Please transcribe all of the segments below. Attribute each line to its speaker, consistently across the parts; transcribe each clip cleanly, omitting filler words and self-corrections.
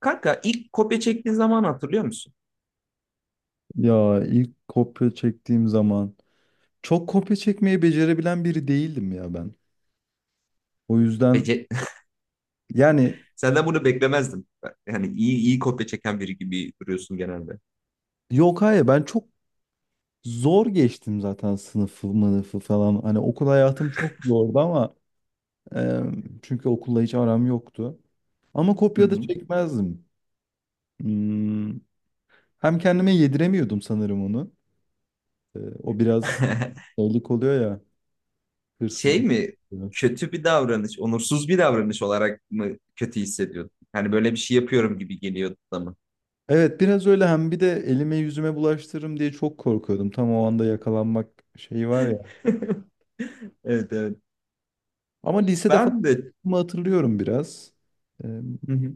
Speaker 1: Kanka, ilk kopya çektiğin zaman hatırlıyor musun?
Speaker 2: Ya ilk kopya çektiğim zaman çok kopya çekmeyi becerebilen biri değildim ya ben. O yüzden
Speaker 1: Peki.
Speaker 2: yani
Speaker 1: Senden bunu beklemezdim. Yani iyi iyi kopya çeken biri gibi duruyorsun genelde.
Speaker 2: yok hayır ben çok zor geçtim zaten sınıfı mınıfı falan. Hani okul hayatım çok zordu ama e, çünkü okulla hiç aram yoktu. Ama
Speaker 1: Hı
Speaker 2: kopya da
Speaker 1: hı.
Speaker 2: çekmezdim. Hmm, Hem kendime yediremiyordum sanırım onu. O biraz şeylik oluyor ya,
Speaker 1: Şey
Speaker 2: hırsızlık.
Speaker 1: mi? Kötü bir davranış, onursuz bir davranış olarak mı kötü hissediyordun? Hani böyle bir şey yapıyorum gibi geliyordu da mı?
Speaker 2: Evet biraz öyle, hem bir de elime yüzüme bulaştırırım diye çok korkuyordum. Tam o anda yakalanmak şeyi var ya.
Speaker 1: Evet, evet.
Speaker 2: Ama lisede falan
Speaker 1: Ben de.
Speaker 2: hatırlıyorum biraz. Ee,
Speaker 1: Hı hı.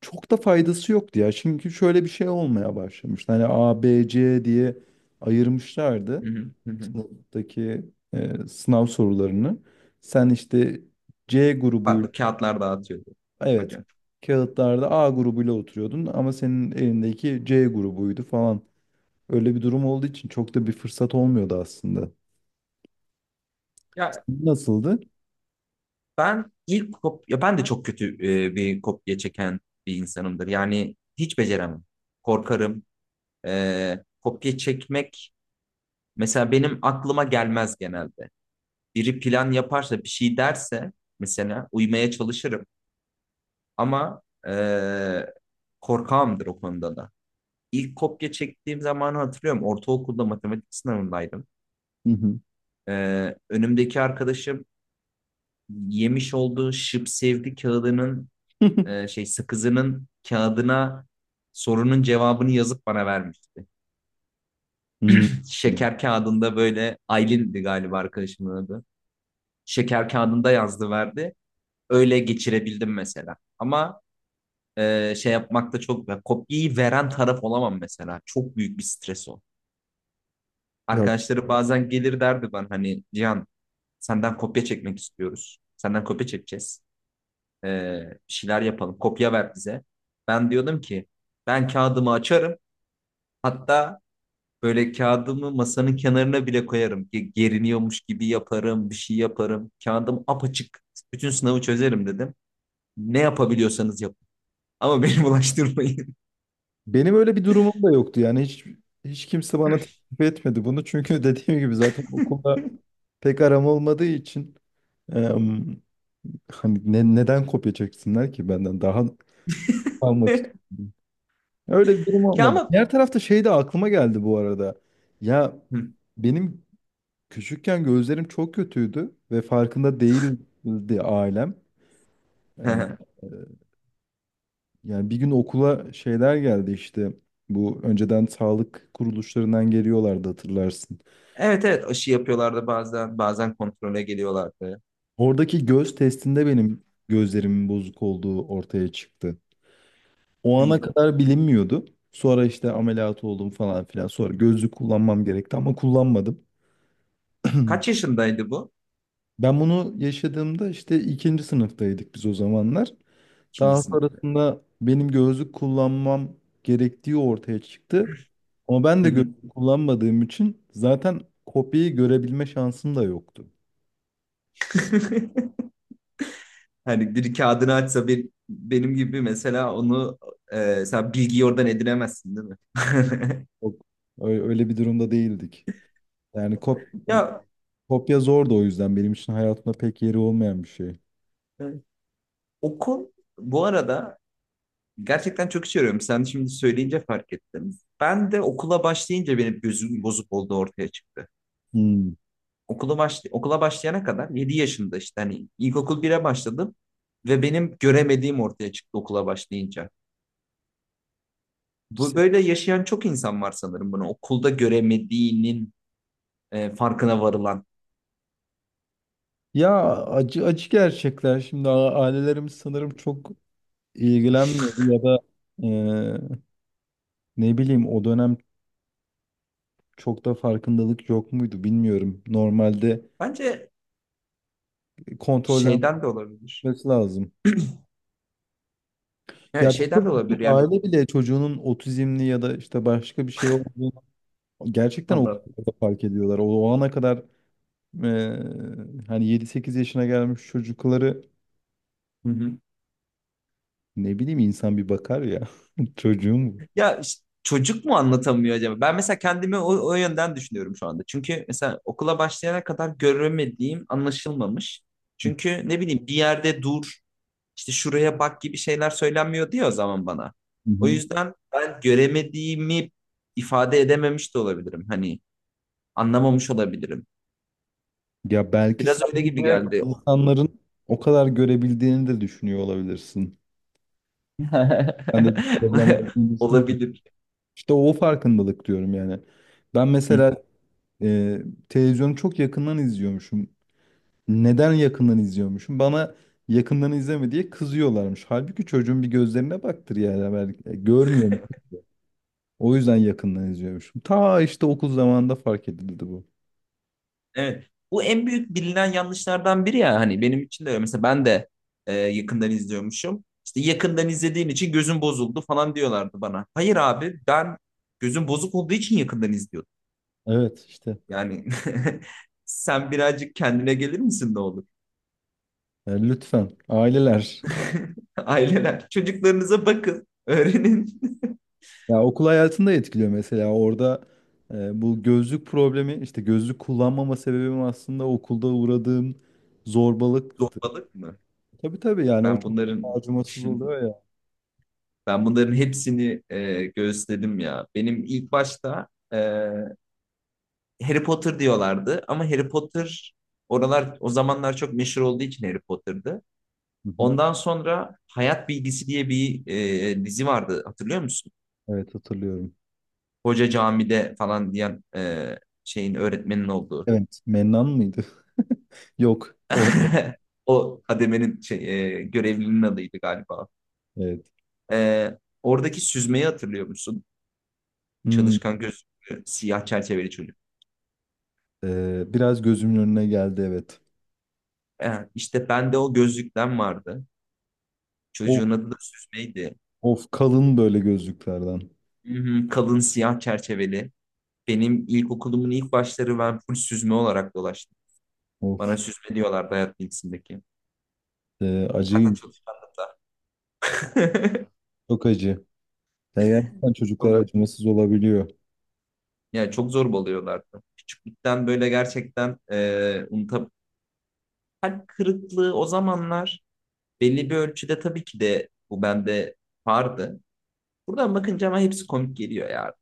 Speaker 2: Çok da faydası yoktu ya. Çünkü şöyle bir şey olmaya başlamıştı. Hani A, B, C diye ayırmışlardı
Speaker 1: Hı hı. Hı hı.
Speaker 2: sınıftaki sınav sorularını. Sen işte C grubuyla
Speaker 1: Farklı kağıtlar dağıtıyordu
Speaker 2: evet
Speaker 1: hocam.
Speaker 2: kağıtlarda A grubuyla oturuyordun ama senin elindeki C grubuydu falan. Öyle bir durum olduğu için çok da bir fırsat olmuyordu aslında.
Speaker 1: Ya,
Speaker 2: Nasıldı?
Speaker 1: Ben ilk kop ya ben de çok kötü bir kopya çeken bir insanımdır. Yani hiç beceremem. Korkarım. Kopya çekmek mesela benim aklıma gelmez genelde. Biri plan yaparsa, bir şey derse mesela uymaya çalışırım. Ama e, korkağımdır o konuda da. İlk kopya çektiğim zamanı hatırlıyorum. Ortaokulda matematik sınavındaydım.
Speaker 2: Hı hı.
Speaker 1: E, önümdeki arkadaşım yemiş olduğu şıp sevdi kağıdının, şey, sakızının kağıdına sorunun cevabını yazıp bana vermişti.
Speaker 2: Hmm.
Speaker 1: Şeker kağıdında, böyle, Aylin'di galiba arkadaşımın adı. Şeker kağıdında yazdı, verdi. Öyle geçirebildim mesela. Ama şey yapmakta çok, ya, kopyayı veren taraf olamam mesela. Çok büyük bir stres o.
Speaker 2: Ya
Speaker 1: Arkadaşları bazen gelir, derdi bana, hani: Cihan, senden kopya çekmek istiyoruz. Senden kopya çekeceğiz. E, bir şeyler yapalım. Kopya ver bize. Ben diyordum ki ben kağıdımı açarım. Hatta böyle kağıdımı masanın kenarına bile koyarım. Geriniyormuş gibi yaparım, bir şey yaparım. Kağıdım apaçık. Bütün sınavı çözerim, dedim. Ne yapabiliyorsanız yapın. Ama beni bulaştırmayın.
Speaker 2: benim öyle bir durumum da yoktu yani hiç kimse bana teklif etmedi bunu çünkü dediğim gibi zaten okulda pek aram olmadığı için em, hani neden kopya çeksinler ki benden daha almak için. Öyle bir durum
Speaker 1: Ya
Speaker 2: olmadı.
Speaker 1: ama...
Speaker 2: Diğer tarafta şey de aklıma geldi bu arada. Ya benim küçükken gözlerim çok kötüydü ve farkında değildi ailem.
Speaker 1: Hı.
Speaker 2: Ee, Yani bir gün okula şeyler geldi işte. Bu önceden sağlık kuruluşlarından geliyorlardı hatırlarsın.
Speaker 1: Evet, evet, aşı yapıyorlardı bazen. Bazen kontrole geliyorlardı.
Speaker 2: Oradaki göz testinde benim gözlerimin bozuk olduğu ortaya çıktı. O
Speaker 1: Yuh.
Speaker 2: ana kadar bilinmiyordu. Sonra işte ameliyat oldum falan filan. Sonra gözlük kullanmam gerekti ama kullanmadım.
Speaker 1: Kaç yaşındaydı bu?
Speaker 2: Ben bunu yaşadığımda işte ikinci sınıftaydık biz o zamanlar.
Speaker 1: İkinci
Speaker 2: Daha
Speaker 1: sınıf.
Speaker 2: sonrasında benim gözlük kullanmam gerektiği ortaya çıktı. Ama ben
Speaker 1: Hı
Speaker 2: de
Speaker 1: hı.
Speaker 2: gözlük kullanmadığım için zaten kopyayı görebilme şansım da yoktu.
Speaker 1: Hani biri kağıdını açsa bir, benim gibi mesela, onu, sen bilgiyi oradan edinemezsin, değil mi?
Speaker 2: Yok, öyle bir durumda değildik. Yani kopya zordu, o yüzden benim için hayatımda pek yeri olmayan bir şey.
Speaker 1: Ya, okul, bu arada, gerçekten çok işe yarıyorum. Sen şimdi söyleyince fark ettim. Ben de okula başlayınca benim gözüm bozuk olduğu ortaya çıktı.
Speaker 2: Hmm.
Speaker 1: Okula başlayana kadar, 7 yaşında, işte hani ilkokul 1'e başladım ve benim göremediğim ortaya çıktı okula başlayınca. Bu
Speaker 2: Se-
Speaker 1: böyle yaşayan çok insan var sanırım bunu. Okulda göremediğinin farkına varılan.
Speaker 2: Ya acı acı gerçekler. Şimdi ailelerimiz sanırım çok ilgilenmiyor ya da e, ne bileyim o dönem çok da farkındalık yok muydu bilmiyorum. Normalde
Speaker 1: Bence
Speaker 2: kontrolden
Speaker 1: şeyden de olabilir.
Speaker 2: kalkması lazım.
Speaker 1: Evet,
Speaker 2: Ya
Speaker 1: şeyden de
Speaker 2: birçok
Speaker 1: olabilir
Speaker 2: birçok
Speaker 1: yani.
Speaker 2: aile bile çocuğunun otizmli ya da işte başka bir şey olduğunu gerçekten o
Speaker 1: Allah.
Speaker 2: kadar da fark ediyorlar. O, o ana kadar eee, hani yedi sekiz yaşına gelmiş çocukları
Speaker 1: Hı hı.
Speaker 2: ne bileyim insan bir bakar ya, çocuğum bu.
Speaker 1: Ya, işte çocuk mu anlatamıyor acaba? Ben mesela kendimi o, o yönden düşünüyorum şu anda. Çünkü mesela okula başlayana kadar göremediğim anlaşılmamış. Çünkü ne bileyim, bir yerde dur, işte şuraya bak gibi şeyler söylenmiyor diyor o zaman bana.
Speaker 2: Hı
Speaker 1: O
Speaker 2: hı.
Speaker 1: yüzden ben göremediğimi ifade edememiş de olabilirim. Hani anlamamış olabilirim.
Speaker 2: Ya belki
Speaker 1: Biraz öyle gibi
Speaker 2: sadece
Speaker 1: geldi.
Speaker 2: insanların o kadar görebildiğini de düşünüyor olabilirsin. Ben de bir problem olduğunu düşünmüyorum.
Speaker 1: Olabilir.
Speaker 2: İşte o farkındalık diyorum yani. Ben mesela e, televizyonu çok yakından izliyormuşum. Neden yakından izliyormuşum? Bana yakından izleme diye kızıyorlarmış. Halbuki çocuğun bir gözlerine baktır, yani ben görmüyorum. O yüzden yakından izliyormuşum. Ta işte okul zamanında fark edildi bu.
Speaker 1: Evet. Bu en büyük bilinen yanlışlardan biri ya, hani benim için de öyle. Mesela ben de yakından izliyormuşum. İşte yakından izlediğin için gözün bozuldu falan diyorlardı bana. Hayır abi, ben gözüm bozuk olduğu için yakından izliyordum.
Speaker 2: Evet işte.
Speaker 1: Yani sen birazcık kendine gelir misin, ne olur?
Speaker 2: Yani lütfen aileler.
Speaker 1: Aileler, çocuklarınıza bakın, öğrenin.
Speaker 2: Ya okul hayatında etkiliyor mesela orada bu gözlük problemi, işte gözlük kullanmama sebebim aslında okulda uğradığım zorbalıktı.
Speaker 1: Zorbalık mı?
Speaker 2: Tabii tabii, yani o
Speaker 1: Ben
Speaker 2: çok
Speaker 1: bunların
Speaker 2: acımasız oluyor ya.
Speaker 1: Ben bunların hepsini gözledim ya. Benim ilk başta, Harry Potter diyorlardı, ama Harry Potter oralar o zamanlar çok meşhur olduğu için Harry Potter'dı.
Speaker 2: Hı hı.
Speaker 1: Ondan sonra Hayat Bilgisi diye bir dizi vardı, hatırlıyor musun?
Speaker 2: Evet hatırlıyorum.
Speaker 1: Hoca camide falan diyen, şeyin, öğretmenin olduğu.
Speaker 2: Evet. Mennan mıydı? Yok. O
Speaker 1: O kademenin şey, görevlinin adıydı galiba.
Speaker 2: evet.
Speaker 1: E, oradaki süzmeyi hatırlıyor musun?
Speaker 2: Hmm.
Speaker 1: Çalışkan, gözlüklü, siyah çerçeveli çocuk.
Speaker 2: Biraz gözümün önüne geldi evet.
Speaker 1: E, işte bende o gözlükten vardı.
Speaker 2: Of,
Speaker 1: Çocuğun adı da süzmeydi.
Speaker 2: of kalın böyle gözlüklerden.
Speaker 1: Hı hı, kalın siyah çerçeveli. Benim ilkokulumun ilk başları ben full süzme olarak dolaştım.
Speaker 2: Of,
Speaker 1: Bana süzme diyorlardı, hayat bilgisindeki. Zaten
Speaker 2: acıyım.
Speaker 1: çalışkandım da.
Speaker 2: Çok acı. Ya gerçekten çocuklar
Speaker 1: Çok,
Speaker 2: acımasız olabiliyor.
Speaker 1: yani çok zorbalıyorlardı. Küçüklükten böyle, gerçekten, unutab- kalp kırıklığı o zamanlar belli bir ölçüde tabii ki de bu bende vardı. Buradan bakınca ama hepsi komik geliyor ya.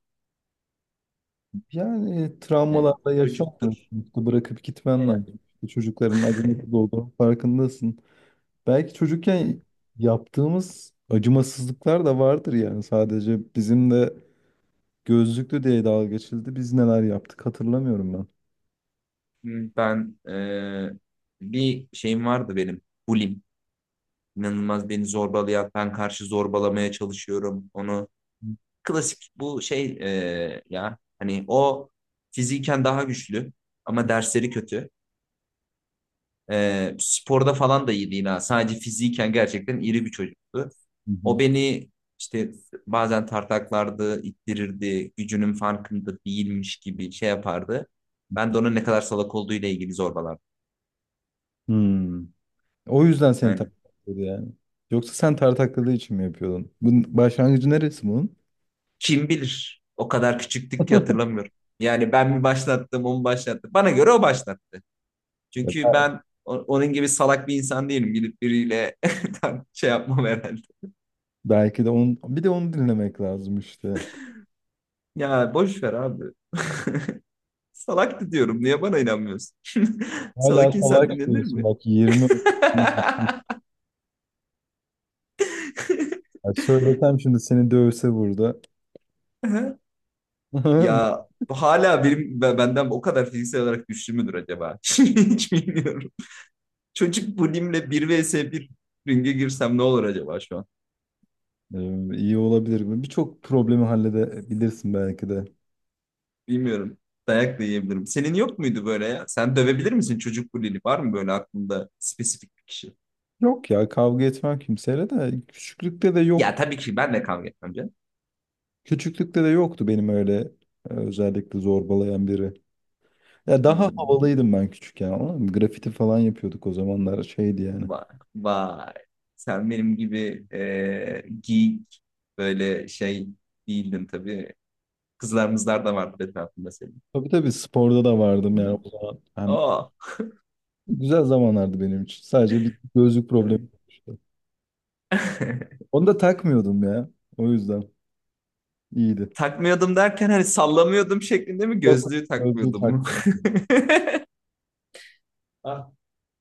Speaker 2: Yani
Speaker 1: Yani
Speaker 2: travmalarla yaşamıyorsun.
Speaker 1: çocuktur.
Speaker 2: İşte bırakıp gitmen
Speaker 1: Aynen.
Speaker 2: lazım. İşte çocukların acımasız olduğunun farkındasın. Belki çocukken yaptığımız acımasızlıklar da vardır yani. Sadece bizim de gözlüklü diye dalga geçildi. Biz neler yaptık hatırlamıyorum.
Speaker 1: Ben, bir şeyim vardı benim. Bulim. İnanılmaz beni zorbalayan, ben karşı zorbalamaya çalışıyorum. Onu,
Speaker 2: Hı
Speaker 1: klasik bu şey, ya hani o fiziken daha güçlü ama dersleri kötü. Sporda falan da iyi değil ha. Sadece fiziken gerçekten iri bir çocuktu.
Speaker 2: hı.
Speaker 1: O beni işte bazen tartaklardı, ittirirdi, gücünün farkında değilmiş gibi şey yapardı. Ben de onun ne kadar salak olduğu ile ilgili zorbalardım.
Speaker 2: Hmm. O yüzden seni
Speaker 1: Aynen.
Speaker 2: tartakladı yani. Yoksa sen tartakladığı için mi yapıyordun? Bunun başlangıcı neresi bunun?
Speaker 1: Kim bilir? O kadar küçüktük ki hatırlamıyorum. Yani ben mi başlattım, o mu başlattı? Bana göre o başlattı.
Speaker 2: Ya
Speaker 1: Çünkü ben onun gibi salak bir insan değilim. Gidip biriyle şey yapmam herhalde.
Speaker 2: belki de onu, bir de onu dinlemek lazım işte.
Speaker 1: Ya boş ver abi. Salaktı diyorum. Niye bana inanmıyorsun? Salak
Speaker 2: Hala kolay
Speaker 1: insan dinlenir
Speaker 2: kılıyorsun
Speaker 1: mi?
Speaker 2: bak, 20. Ya söylesem şimdi seni dövse burada.
Speaker 1: Ya, hala benim benden o kadar fiziksel olarak güçlü müdür acaba? Hiç bilmiyorum. Çocuk bulimle 1 vs bir ringe girsem ne olur acaba şu an?
Speaker 2: İyi olabilir mi? Birçok problemi halledebilirsin belki de.
Speaker 1: Bilmiyorum. Dayak da yiyebilirim. Senin yok muydu böyle ya? Sen dövebilir misin çocuk bulili? Var mı böyle aklında spesifik bir kişi?
Speaker 2: Yok ya, kavga etmem kimseyle, de küçüklükte de
Speaker 1: Ya
Speaker 2: yoktu.
Speaker 1: tabii ki ben de kavga etmem canım.
Speaker 2: Küçüklükte de yoktu benim öyle özellikle zorbalayan biri. Ya daha
Speaker 1: Hmm.
Speaker 2: havalıydım ben küçükken, ama grafiti falan yapıyorduk o zamanlar, şeydi yani.
Speaker 1: Vay, vay. Sen benim gibi, geek, böyle şey değildin tabii. Kızlarımızlar da vardı etrafında senin.
Speaker 2: Tabii tabii, sporda da vardım yani o zaman. Hem
Speaker 1: Oh.
Speaker 2: güzel zamanlardı benim için. Sadece bir gözlük problemi olmuştu. Onu da takmıyordum ya. O yüzden iyiydi.
Speaker 1: Takmıyordum derken hani sallamıyordum şeklinde mi,
Speaker 2: Yok.
Speaker 1: gözlüğü
Speaker 2: Gözlüğü
Speaker 1: takmıyordum mu?
Speaker 2: takmıyordum.
Speaker 1: Ah.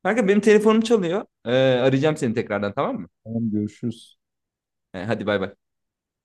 Speaker 1: Kanka, benim telefonum çalıyor. Arayacağım seni tekrardan, tamam mı?
Speaker 2: Tamam, görüşürüz.
Speaker 1: He, hadi bay bay.